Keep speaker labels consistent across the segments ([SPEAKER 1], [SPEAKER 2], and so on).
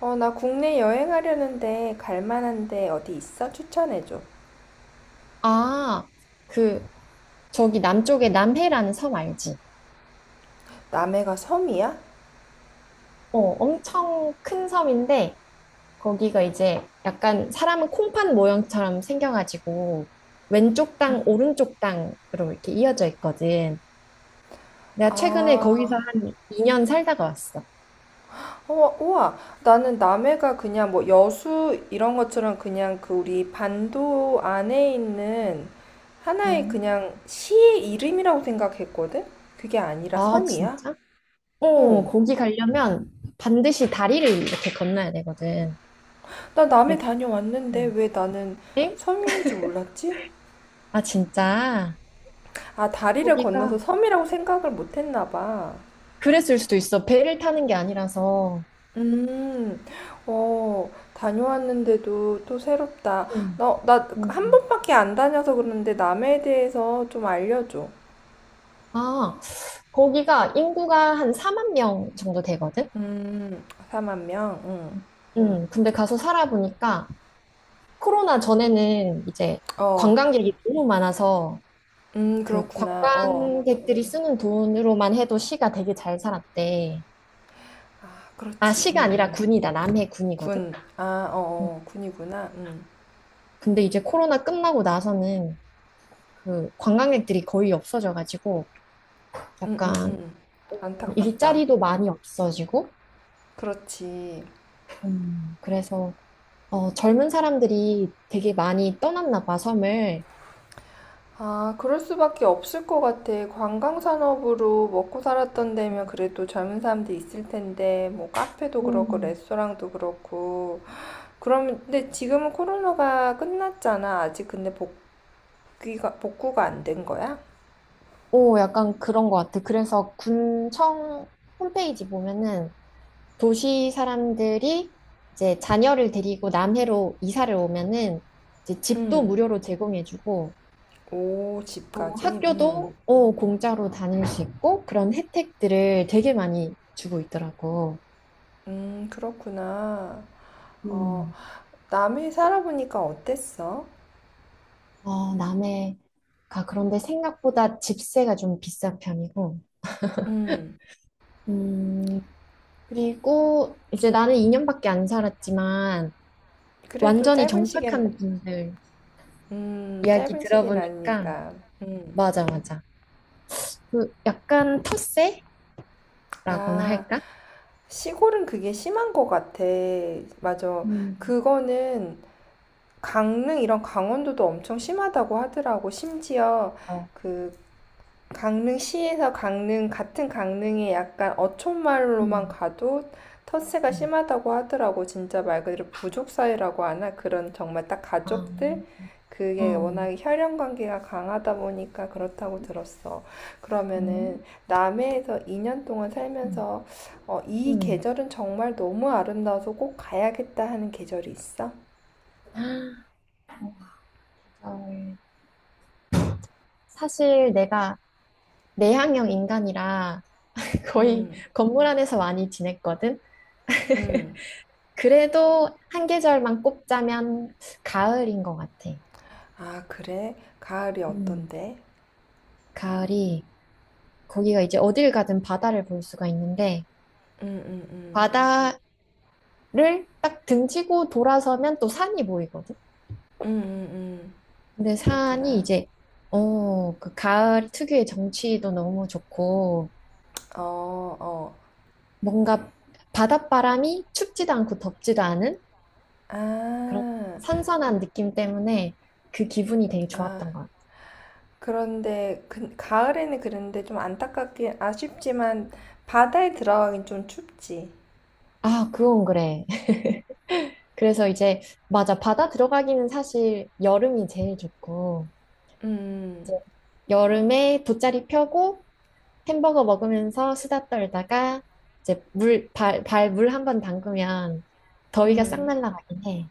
[SPEAKER 1] 어, 나 국내 여행하려는데 갈 만한 데 어디 있어? 추천해줘.
[SPEAKER 2] 아, 그, 저기 남쪽에 남해라는 섬 알지?
[SPEAKER 1] 남해가 섬이야?
[SPEAKER 2] 어, 엄청 큰 섬인데, 거기가 이제 약간 사람은 콩팥 모양처럼 생겨가지고, 왼쪽 땅, 오른쪽 땅으로 이렇게 이어져 있거든. 내가 최근에 거기서
[SPEAKER 1] 아,
[SPEAKER 2] 한 2년 살다가 왔어.
[SPEAKER 1] 어, 우와. 나는 남해가 그냥 뭐 여수 이런 것처럼 그냥 그 우리 반도 안에 있는 하나의
[SPEAKER 2] 음.
[SPEAKER 1] 그냥 시의 이름이라고 생각했거든? 그게 아니라
[SPEAKER 2] 아,
[SPEAKER 1] 섬이야?
[SPEAKER 2] 진짜? 어,
[SPEAKER 1] 어.
[SPEAKER 2] 거기 가려면 반드시 다리를 이렇게 건너야 되거든.
[SPEAKER 1] 나 남해
[SPEAKER 2] 네.
[SPEAKER 1] 다녀왔는데
[SPEAKER 2] 음.
[SPEAKER 1] 왜 나는
[SPEAKER 2] 엥?
[SPEAKER 1] 섬인지 몰랐지?
[SPEAKER 2] 아, 진짜?
[SPEAKER 1] 아, 다리를
[SPEAKER 2] 거기가
[SPEAKER 1] 건너서 섬이라고 생각을 못 했나 봐.
[SPEAKER 2] 그랬을 수도 있어. 배를 타는 게 아니라서.
[SPEAKER 1] 음, 어, 다녀왔는데도 또 새롭다.
[SPEAKER 2] 음,
[SPEAKER 1] 너, 나 한
[SPEAKER 2] 음.
[SPEAKER 1] 번밖에 안 다녀서 그러는데 남에 대해서 좀 알려줘.
[SPEAKER 2] 아, 거기가 인구가 한 4만 명 정도 되거든?
[SPEAKER 1] 4만 명? 응.
[SPEAKER 2] 근데 가서 살아보니까 코로나 전에는 이제
[SPEAKER 1] 어,
[SPEAKER 2] 관광객이 너무 많아서 그
[SPEAKER 1] 그렇구나. 어,
[SPEAKER 2] 관광객들이 쓰는 돈으로만 해도 시가 되게 잘 살았대.
[SPEAKER 1] 아,
[SPEAKER 2] 아,
[SPEAKER 1] 그렇지.
[SPEAKER 2] 시가 아니라 군이다. 남해 군이거든?
[SPEAKER 1] 군. 아, 어,
[SPEAKER 2] 음,
[SPEAKER 1] 어, 군이구나.
[SPEAKER 2] 근데 이제 코로나 끝나고 나서는 그 관광객들이 거의 없어져가지고
[SPEAKER 1] 음, 음,
[SPEAKER 2] 약간,
[SPEAKER 1] 음.
[SPEAKER 2] 음,
[SPEAKER 1] 안타깝다.
[SPEAKER 2] 일자리도 많이 없어지고.
[SPEAKER 1] 그렇지.
[SPEAKER 2] 그래서 어, 젊은 사람들이 되게 많이 떠났나 봐, 섬을.
[SPEAKER 1] 아, 그럴 수밖에 없을 것 같아. 관광 산업으로 먹고 살았던 데면
[SPEAKER 2] 음,
[SPEAKER 1] 그래도 젊은 사람들 있을 텐데, 뭐 카페도 그렇고
[SPEAKER 2] 음.
[SPEAKER 1] 레스토랑도 그렇고. 그럼 근데 지금은 코로나가 끝났잖아. 아직 근데 복귀가 복구가 안 된 거야?
[SPEAKER 2] 오, 약간 그런 것 같아. 그래서 군청 홈페이지 보면은 도시 사람들이 이제 자녀를 데리고 남해로 이사를 오면은 이제 집도
[SPEAKER 1] 응.
[SPEAKER 2] 무료로 제공해주고
[SPEAKER 1] 오,
[SPEAKER 2] 또
[SPEAKER 1] 집까지. 응.
[SPEAKER 2] 학교도, 오, 공짜로 다닐 수 있고 그런 혜택들을 되게 많이 주고 있더라고.
[SPEAKER 1] 그렇구나. 어,
[SPEAKER 2] 음,
[SPEAKER 1] 남해 살아보니까 어땠어?
[SPEAKER 2] 어, 남해가 그런데 생각보다 집세가 좀 비싼 편이고.
[SPEAKER 1] 음.
[SPEAKER 2] 음, 그리고 이제 나는 2년밖에 안 살았지만
[SPEAKER 1] 그래도
[SPEAKER 2] 완전히
[SPEAKER 1] 짧은 시기엔
[SPEAKER 2] 정착한 분들 이야기
[SPEAKER 1] 짧은 시기는
[SPEAKER 2] 들어보니까
[SPEAKER 1] 아니니까. 음.
[SPEAKER 2] 맞아, 맞아. 그 약간 텃세라고나
[SPEAKER 1] 아.
[SPEAKER 2] 할까?
[SPEAKER 1] 시골은 그게 심한 것 같아. 맞아.
[SPEAKER 2] 음.
[SPEAKER 1] 그거는 강릉 이런 강원도도 엄청 심하다고 하더라고. 심지어
[SPEAKER 2] 어.
[SPEAKER 1] 그 강릉시에서 강릉, 같은 강릉에 약간 어촌마을로만
[SPEAKER 2] 음.
[SPEAKER 1] 가도 텃세가
[SPEAKER 2] 음.
[SPEAKER 1] 심하다고 하더라고. 진짜 말 그대로 부족 사회라고 하나? 그런 정말 딱
[SPEAKER 2] 아,
[SPEAKER 1] 가족들? 그게
[SPEAKER 2] 어.
[SPEAKER 1] 워낙에 혈연 관계가 강하다 보니까 그렇다고 들었어. 그러면은
[SPEAKER 2] 음.
[SPEAKER 1] 남해에서 2년 동안
[SPEAKER 2] 음.
[SPEAKER 1] 살면서 어, 이
[SPEAKER 2] 음.
[SPEAKER 1] 계절은 정말 너무 아름다워서 꼭 가야겠다 하는 계절이 있어?
[SPEAKER 2] 계절. 사실 내가 내향형 인간이라 거의
[SPEAKER 1] 음,
[SPEAKER 2] 건물 안에서 많이 지냈거든.
[SPEAKER 1] 음.
[SPEAKER 2] 그래도 한 계절만 꼽자면 가을인 것 같아.
[SPEAKER 1] 아, 그래? 가을이
[SPEAKER 2] 음.
[SPEAKER 1] 어떤데?
[SPEAKER 2] 가을이, 거기가 이제 어딜 가든 바다를 볼 수가 있는데,
[SPEAKER 1] 음, 음, 음.
[SPEAKER 2] 바다를 딱 등치고 돌아서면 또 산이 보이거든?
[SPEAKER 1] 음, 음, 음.
[SPEAKER 2] 근데 산이
[SPEAKER 1] 그렇구나.
[SPEAKER 2] 이제, 어, 그 가을 특유의 정취도 너무 좋고,
[SPEAKER 1] 어, 어.
[SPEAKER 2] 뭔가 바닷바람이 춥지도 않고 덥지도 않은 그런
[SPEAKER 1] 아,
[SPEAKER 2] 선선한 느낌 때문에 그 기분이 되게
[SPEAKER 1] 아.
[SPEAKER 2] 좋았던 거야.
[SPEAKER 1] 그런데 그, 가을에는 그런데 좀 안타깝긴 아쉽지만 바다에 들어가긴 좀 춥지.
[SPEAKER 2] 아, 그건 그래. 그래서 이제, 맞아. 바다 들어가기는 사실 여름이 제일 좋고,
[SPEAKER 1] 음,
[SPEAKER 2] 이제 여름에 돗자리 펴고, 햄버거 먹으면서 수다 떨다가 이제 발 물 한 번 담그면 더위가 싹
[SPEAKER 1] 음.
[SPEAKER 2] 날라가긴 해.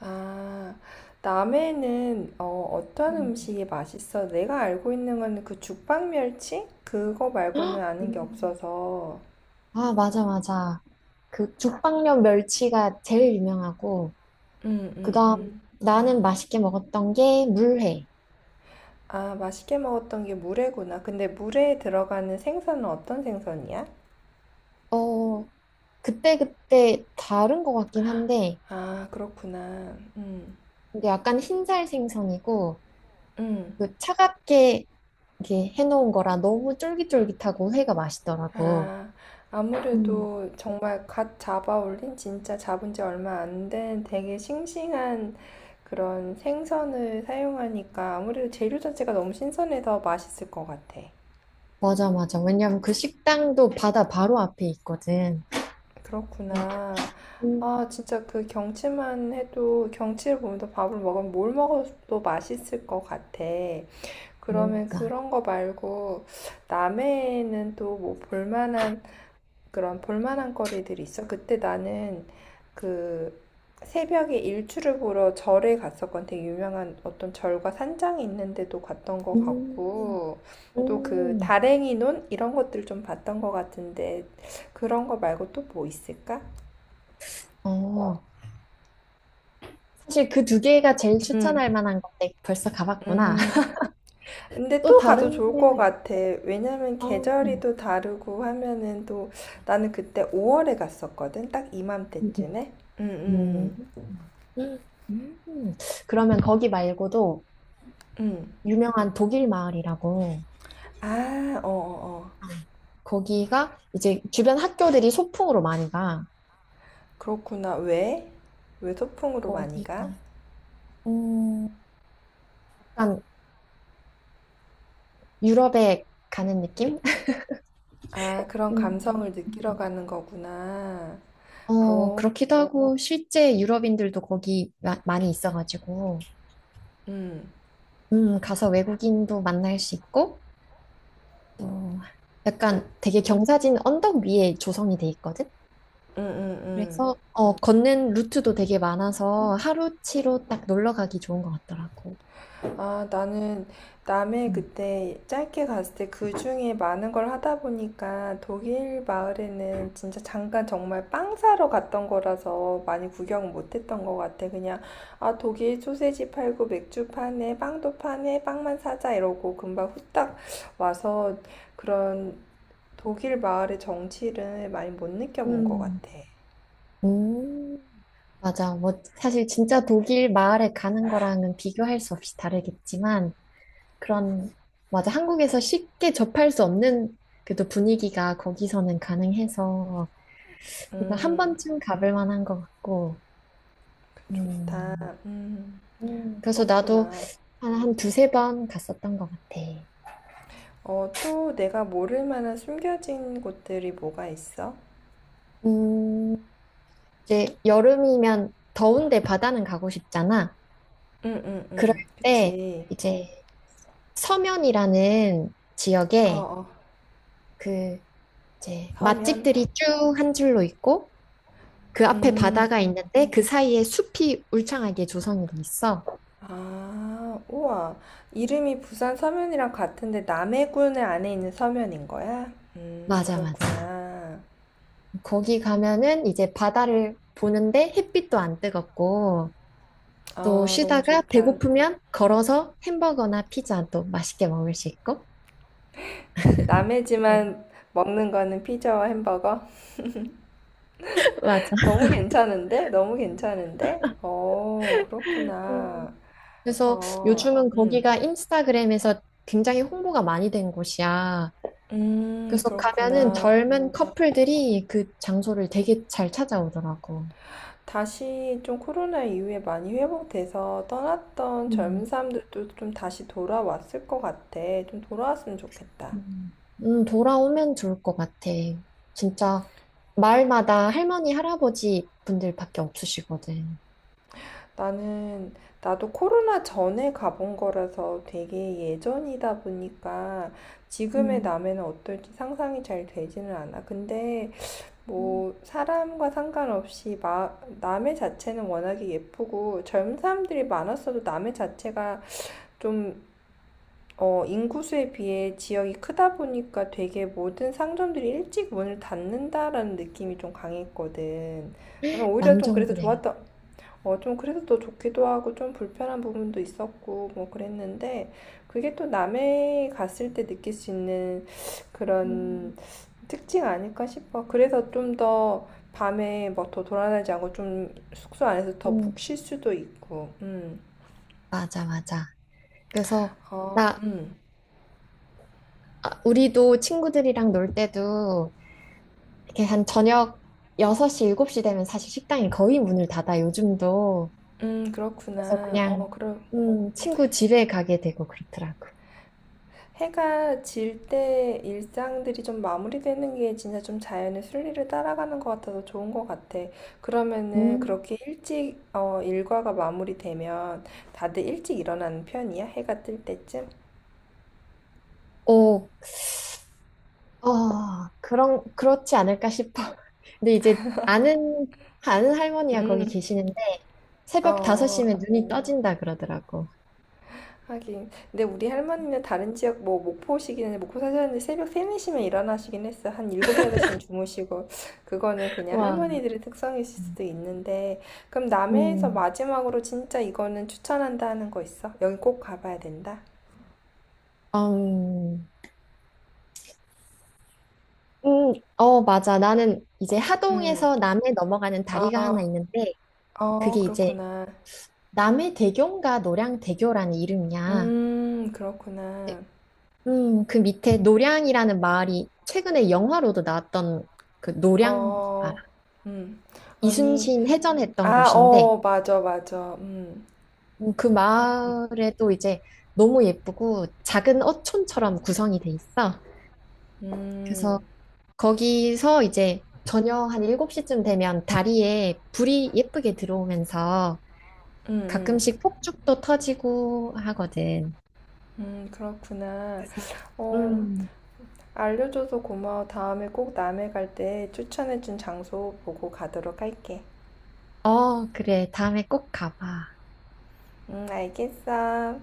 [SPEAKER 1] 아, 남해는 어, 어떤
[SPEAKER 2] 음.
[SPEAKER 1] 음식이 맛있어? 내가 알고 있는 건 그 죽방멸치? 그거 말고는
[SPEAKER 2] 헉!
[SPEAKER 1] 아는 게
[SPEAKER 2] 음.
[SPEAKER 1] 없어서.
[SPEAKER 2] 아, 맞아, 맞아. 그 죽방면 멸치가 제일 유명하고,
[SPEAKER 1] 음, 음,
[SPEAKER 2] 그다음
[SPEAKER 1] 음.
[SPEAKER 2] 나는 맛있게 먹었던 게 물회.
[SPEAKER 1] 아, 맛있게 먹었던 게 물회구나. 근데 물회에 들어가는 생선은 어떤 생선이야?
[SPEAKER 2] 어, 그때그때 다른 것 같긴 한데,
[SPEAKER 1] 아, 그렇구나. 음,
[SPEAKER 2] 근데 약간 흰살 생선이고,
[SPEAKER 1] 음.
[SPEAKER 2] 그 차갑게 이렇게 해놓은 거라 너무 쫄깃쫄깃하고 회가 맛있더라고.
[SPEAKER 1] 아,
[SPEAKER 2] 음.
[SPEAKER 1] 아무래도 정말 갓 잡아 올린, 진짜 잡은 지 얼마 안 된 되게 싱싱한 그런 생선을 사용하니까 아무래도 재료 자체가 너무 신선해서 맛있을 것 같아.
[SPEAKER 2] 맞아, 맞아. 왜냐면 그 식당도 바다 바로 앞에 있거든. 네.
[SPEAKER 1] 그렇구나.
[SPEAKER 2] 음,
[SPEAKER 1] 아, 진짜 그 경치만 해도 경치를 보면서 밥을 먹으면 뭘 먹어도 맛있을 것 같아.
[SPEAKER 2] 네,
[SPEAKER 1] 그러면
[SPEAKER 2] 맞아.
[SPEAKER 1] 그런 거 말고 남해에는 또 뭐 볼만한 그런 볼만한 거리들이 있어. 그때 나는 그 새벽에 일출을 보러 절에 갔었건 되게 유명한 어떤 절과 산장이 있는데도 갔던 것
[SPEAKER 2] 음,
[SPEAKER 1] 같고 또 그
[SPEAKER 2] 음.
[SPEAKER 1] 다랭이 논 이런 것들 좀 봤던 것 같은데 그런 거 말고 또 뭐 있을까?
[SPEAKER 2] 어, 사실 그 두 개가 제일
[SPEAKER 1] 음,
[SPEAKER 2] 추천할 만한 건데 벌써 가봤구나.
[SPEAKER 1] 음. 근데
[SPEAKER 2] 또
[SPEAKER 1] 또 가도
[SPEAKER 2] 다른
[SPEAKER 1] 좋을 것
[SPEAKER 2] 데가
[SPEAKER 1] 같아. 왜냐면
[SPEAKER 2] 어,
[SPEAKER 1] 계절이 또 다르고 하면은 또 나는 그때 5월에 갔었거든. 딱
[SPEAKER 2] 음,
[SPEAKER 1] 이맘때쯤에.
[SPEAKER 2] 음,
[SPEAKER 1] 음, 음,
[SPEAKER 2] 음, 음. 그러면 거기 말고도
[SPEAKER 1] 음.
[SPEAKER 2] 유명한 독일 마을이라고,
[SPEAKER 1] 아, 어어어.
[SPEAKER 2] 거기가 이제 주변 학교들이 소풍으로 많이 가.
[SPEAKER 1] 그렇구나. 왜? 왜 소풍으로 많이 가?
[SPEAKER 2] 거기가 음, 약간 유럽에 가는 느낌?
[SPEAKER 1] 아, 그런
[SPEAKER 2] 음.
[SPEAKER 1] 감성을 느끼러 가는 거구나.
[SPEAKER 2] 어,
[SPEAKER 1] 어,
[SPEAKER 2] 그렇기도 하고, 실제 유럽인들도 거기 많이 있어가지고,
[SPEAKER 1] 음,
[SPEAKER 2] 가서 외국인도 만날 수 있고, 또 약간 되게 경사진 언덕 위에 조성이 돼 있거든?
[SPEAKER 1] 음, 음, 음.
[SPEAKER 2] 그래서, 어, 걷는 루트도 되게 많아서 하루치로 딱 놀러 가기 좋은 것 같더라고.
[SPEAKER 1] 아, 나는 남해
[SPEAKER 2] 음,
[SPEAKER 1] 그때 짧게 갔을 때 그 중에 많은 걸 하다 보니까 독일 마을에는 진짜 잠깐 정말 빵 사러 갔던 거라서 많이 구경 못 했던 것 같아. 그냥, 아, 독일 소세지 팔고 맥주 파네, 빵도 파네, 빵만 사자 이러고 금방 후딱 와서 그런 독일 마을의 정취를 많이 못 느껴본 것 같아.
[SPEAKER 2] 음, 음, 맞아. 뭐, 사실 진짜 독일 마을에 가는 거랑은 비교할 수 없이 다르겠지만, 그런, 맞아. 한국에서 쉽게 접할 수 없는 그래도 분위기가 거기서는 가능해서 일단 한
[SPEAKER 1] 음,
[SPEAKER 2] 번쯤 가볼 만한 것 같고,
[SPEAKER 1] 그 좋다.
[SPEAKER 2] 음,
[SPEAKER 1] 음,
[SPEAKER 2] 그래서 나도
[SPEAKER 1] 그렇구나.
[SPEAKER 2] 한 두세 번 갔었던 것 같아.
[SPEAKER 1] 어, 또 내가 모를 만한 숨겨진 곳들이 뭐가 있어?
[SPEAKER 2] 음, 이제 여름이면 더운데 바다는 가고 싶잖아.
[SPEAKER 1] 응, 응,
[SPEAKER 2] 그럴
[SPEAKER 1] 응.
[SPEAKER 2] 때
[SPEAKER 1] 그치.
[SPEAKER 2] 이제 서면이라는
[SPEAKER 1] 어,
[SPEAKER 2] 지역에
[SPEAKER 1] 어.
[SPEAKER 2] 그 이제
[SPEAKER 1] 서면.
[SPEAKER 2] 맛집들이 쭉 한 줄로 있고, 그 앞에
[SPEAKER 1] 음,
[SPEAKER 2] 바다가 있는데 그 사이에 숲이 울창하게 조성이 돼 있어.
[SPEAKER 1] 아, 우와. 이름이 부산 서면이랑 같은데 남해군 안에 있는 서면인 거야?
[SPEAKER 2] 맞아, 맞아.
[SPEAKER 1] 그렇구나.
[SPEAKER 2] 거기 가면은 이제 바다를 보는데 햇빛도 안 뜨겁고 또
[SPEAKER 1] 아, 너무
[SPEAKER 2] 쉬다가
[SPEAKER 1] 좋다.
[SPEAKER 2] 배고프면 걸어서 햄버거나 피자 또 맛있게 먹을 수 있고. 그-
[SPEAKER 1] 남해지만 먹는 거는 피자와 햄버거?
[SPEAKER 2] 맞아.
[SPEAKER 1] 너무 괜찮은데? 너무 괜찮은데? 어,
[SPEAKER 2] 음.
[SPEAKER 1] 그렇구나.
[SPEAKER 2] 그래서
[SPEAKER 1] 어,
[SPEAKER 2] 요즘은 거기가 인스타그램에서 굉장히 홍보가 많이 된 곳이야. 그래서 가면은
[SPEAKER 1] 그렇구나.
[SPEAKER 2] 젊은 커플들이 그 장소를 되게 잘 찾아오더라고.
[SPEAKER 1] 다시 좀 코로나 이후에 많이 회복돼서 떠났던 젊은
[SPEAKER 2] 음.
[SPEAKER 1] 사람들도 좀 다시 돌아왔을 것 같아. 좀 돌아왔으면 좋겠다.
[SPEAKER 2] 음, 돌아오면 좋을 것 같아. 진짜 마을마다 할머니, 할아버지 분들밖에 없으시거든.
[SPEAKER 1] 나는, 나도 코로나 전에 가본 거라서 되게 예전이다 보니까 지금의
[SPEAKER 2] 음,
[SPEAKER 1] 남에는 어떨지 상상이 잘 되지는 않아. 근데
[SPEAKER 2] 음,
[SPEAKER 1] 뭐 사람과 상관없이 마, 남의 자체는 워낙에 예쁘고 젊은 사람들이 많았어도 남의 자체가 좀 어, 인구수에 비해 지역이 크다 보니까 되게 모든 상점들이 일찍 문을 닫는다라는 느낌이 좀 강했거든. 나는 오히려 좀
[SPEAKER 2] 완전
[SPEAKER 1] 그래서
[SPEAKER 2] 그래.
[SPEAKER 1] 좋았던 어, 좀 그래서 또 좋기도 하고 좀 불편한 부분도 있었고 뭐 그랬는데 그게 또 남해 갔을 때 느낄 수 있는
[SPEAKER 2] 음,
[SPEAKER 1] 그런 특징 아닐까 싶어. 그래서 좀 더 밤에 뭐 더 돌아다니지 않고 좀 숙소 안에서 더 푹
[SPEAKER 2] 음,
[SPEAKER 1] 쉴 수도 있고. 음.
[SPEAKER 2] 맞아, 맞아. 그래서
[SPEAKER 1] 어,
[SPEAKER 2] 나, 아, 우리도 친구들이랑 놀 때도 이렇게 한 저녁 6시, 7시 되면 사실 식당이 거의 문을 닫아, 요즘도. 그래서
[SPEAKER 1] 그렇구나. 어,
[SPEAKER 2] 그냥
[SPEAKER 1] 그럼
[SPEAKER 2] 친구 집에 가게 되고 그렇더라고.
[SPEAKER 1] 해가 질 때 일상들이 좀 마무리되는 게 진짜 좀 자연의 순리를 따라가는 것 같아서 좋은 것 같아. 그러면은
[SPEAKER 2] 음.
[SPEAKER 1] 그렇게 일찍 어, 일과가 마무리되면 다들 일찍 일어나는 편이야? 해가 뜰 때쯤?
[SPEAKER 2] 오. 아, 그렇지 않을까 싶어. 근데 이제 아는 할머니가 거기
[SPEAKER 1] 음,
[SPEAKER 2] 계시는데
[SPEAKER 1] 어,
[SPEAKER 2] 새벽 다섯시
[SPEAKER 1] 어.
[SPEAKER 2] 면 눈이 떠진다 그러더라고.
[SPEAKER 1] 하긴. 근데 우리 할머니는 다른 지역 뭐 목포시기는 목포 사셨는데 새벽 세네 시면 일어나시긴 했어. 한 7, 8시엔 주무시고. 그거는 그냥
[SPEAKER 2] 와.
[SPEAKER 1] 할머니들의 특성일
[SPEAKER 2] 음,
[SPEAKER 1] 수도 있는데. 그럼 남해에서
[SPEAKER 2] 음,
[SPEAKER 1] 마지막으로 진짜 이거는 추천한다 하는 거 있어? 여기 꼭 가봐야 된다.
[SPEAKER 2] 어, 맞아. 나는 이제
[SPEAKER 1] 음.
[SPEAKER 2] 하동에서 남해 넘어가는 다리가 하나
[SPEAKER 1] 아,
[SPEAKER 2] 있는데
[SPEAKER 1] 어,
[SPEAKER 2] 그게 이제
[SPEAKER 1] 그렇구나.
[SPEAKER 2] 남해대교인가 노량대교라는 이름이야. 네.
[SPEAKER 1] 그렇구나.
[SPEAKER 2] 그 밑에 노량이라는 마을이 최근에 영화로도 나왔던 그 노량, 아,
[SPEAKER 1] 어, 음. 아니,
[SPEAKER 2] 이순신 해전했던
[SPEAKER 1] 아,
[SPEAKER 2] 곳인데
[SPEAKER 1] 어, 맞아, 맞아.
[SPEAKER 2] 그
[SPEAKER 1] 그렇군.
[SPEAKER 2] 마을에 또 이제 너무 예쁘고 작은 어촌처럼 구성이 돼 있어.
[SPEAKER 1] 음,
[SPEAKER 2] 그래서 거기서 이제 저녁 한 7시쯤 되면 다리에 불이 예쁘게 들어오면서
[SPEAKER 1] 음, 음.
[SPEAKER 2] 가끔씩 폭죽도 터지고 하거든.
[SPEAKER 1] 그렇구나.
[SPEAKER 2] 그래서
[SPEAKER 1] 어,
[SPEAKER 2] 음,
[SPEAKER 1] 알려줘서 고마워. 다음에 꼭 남해 갈 때 추천해준 장소 보고 가도록 할게.
[SPEAKER 2] 어, 그래. 다음에 꼭 가봐.
[SPEAKER 1] 알겠어.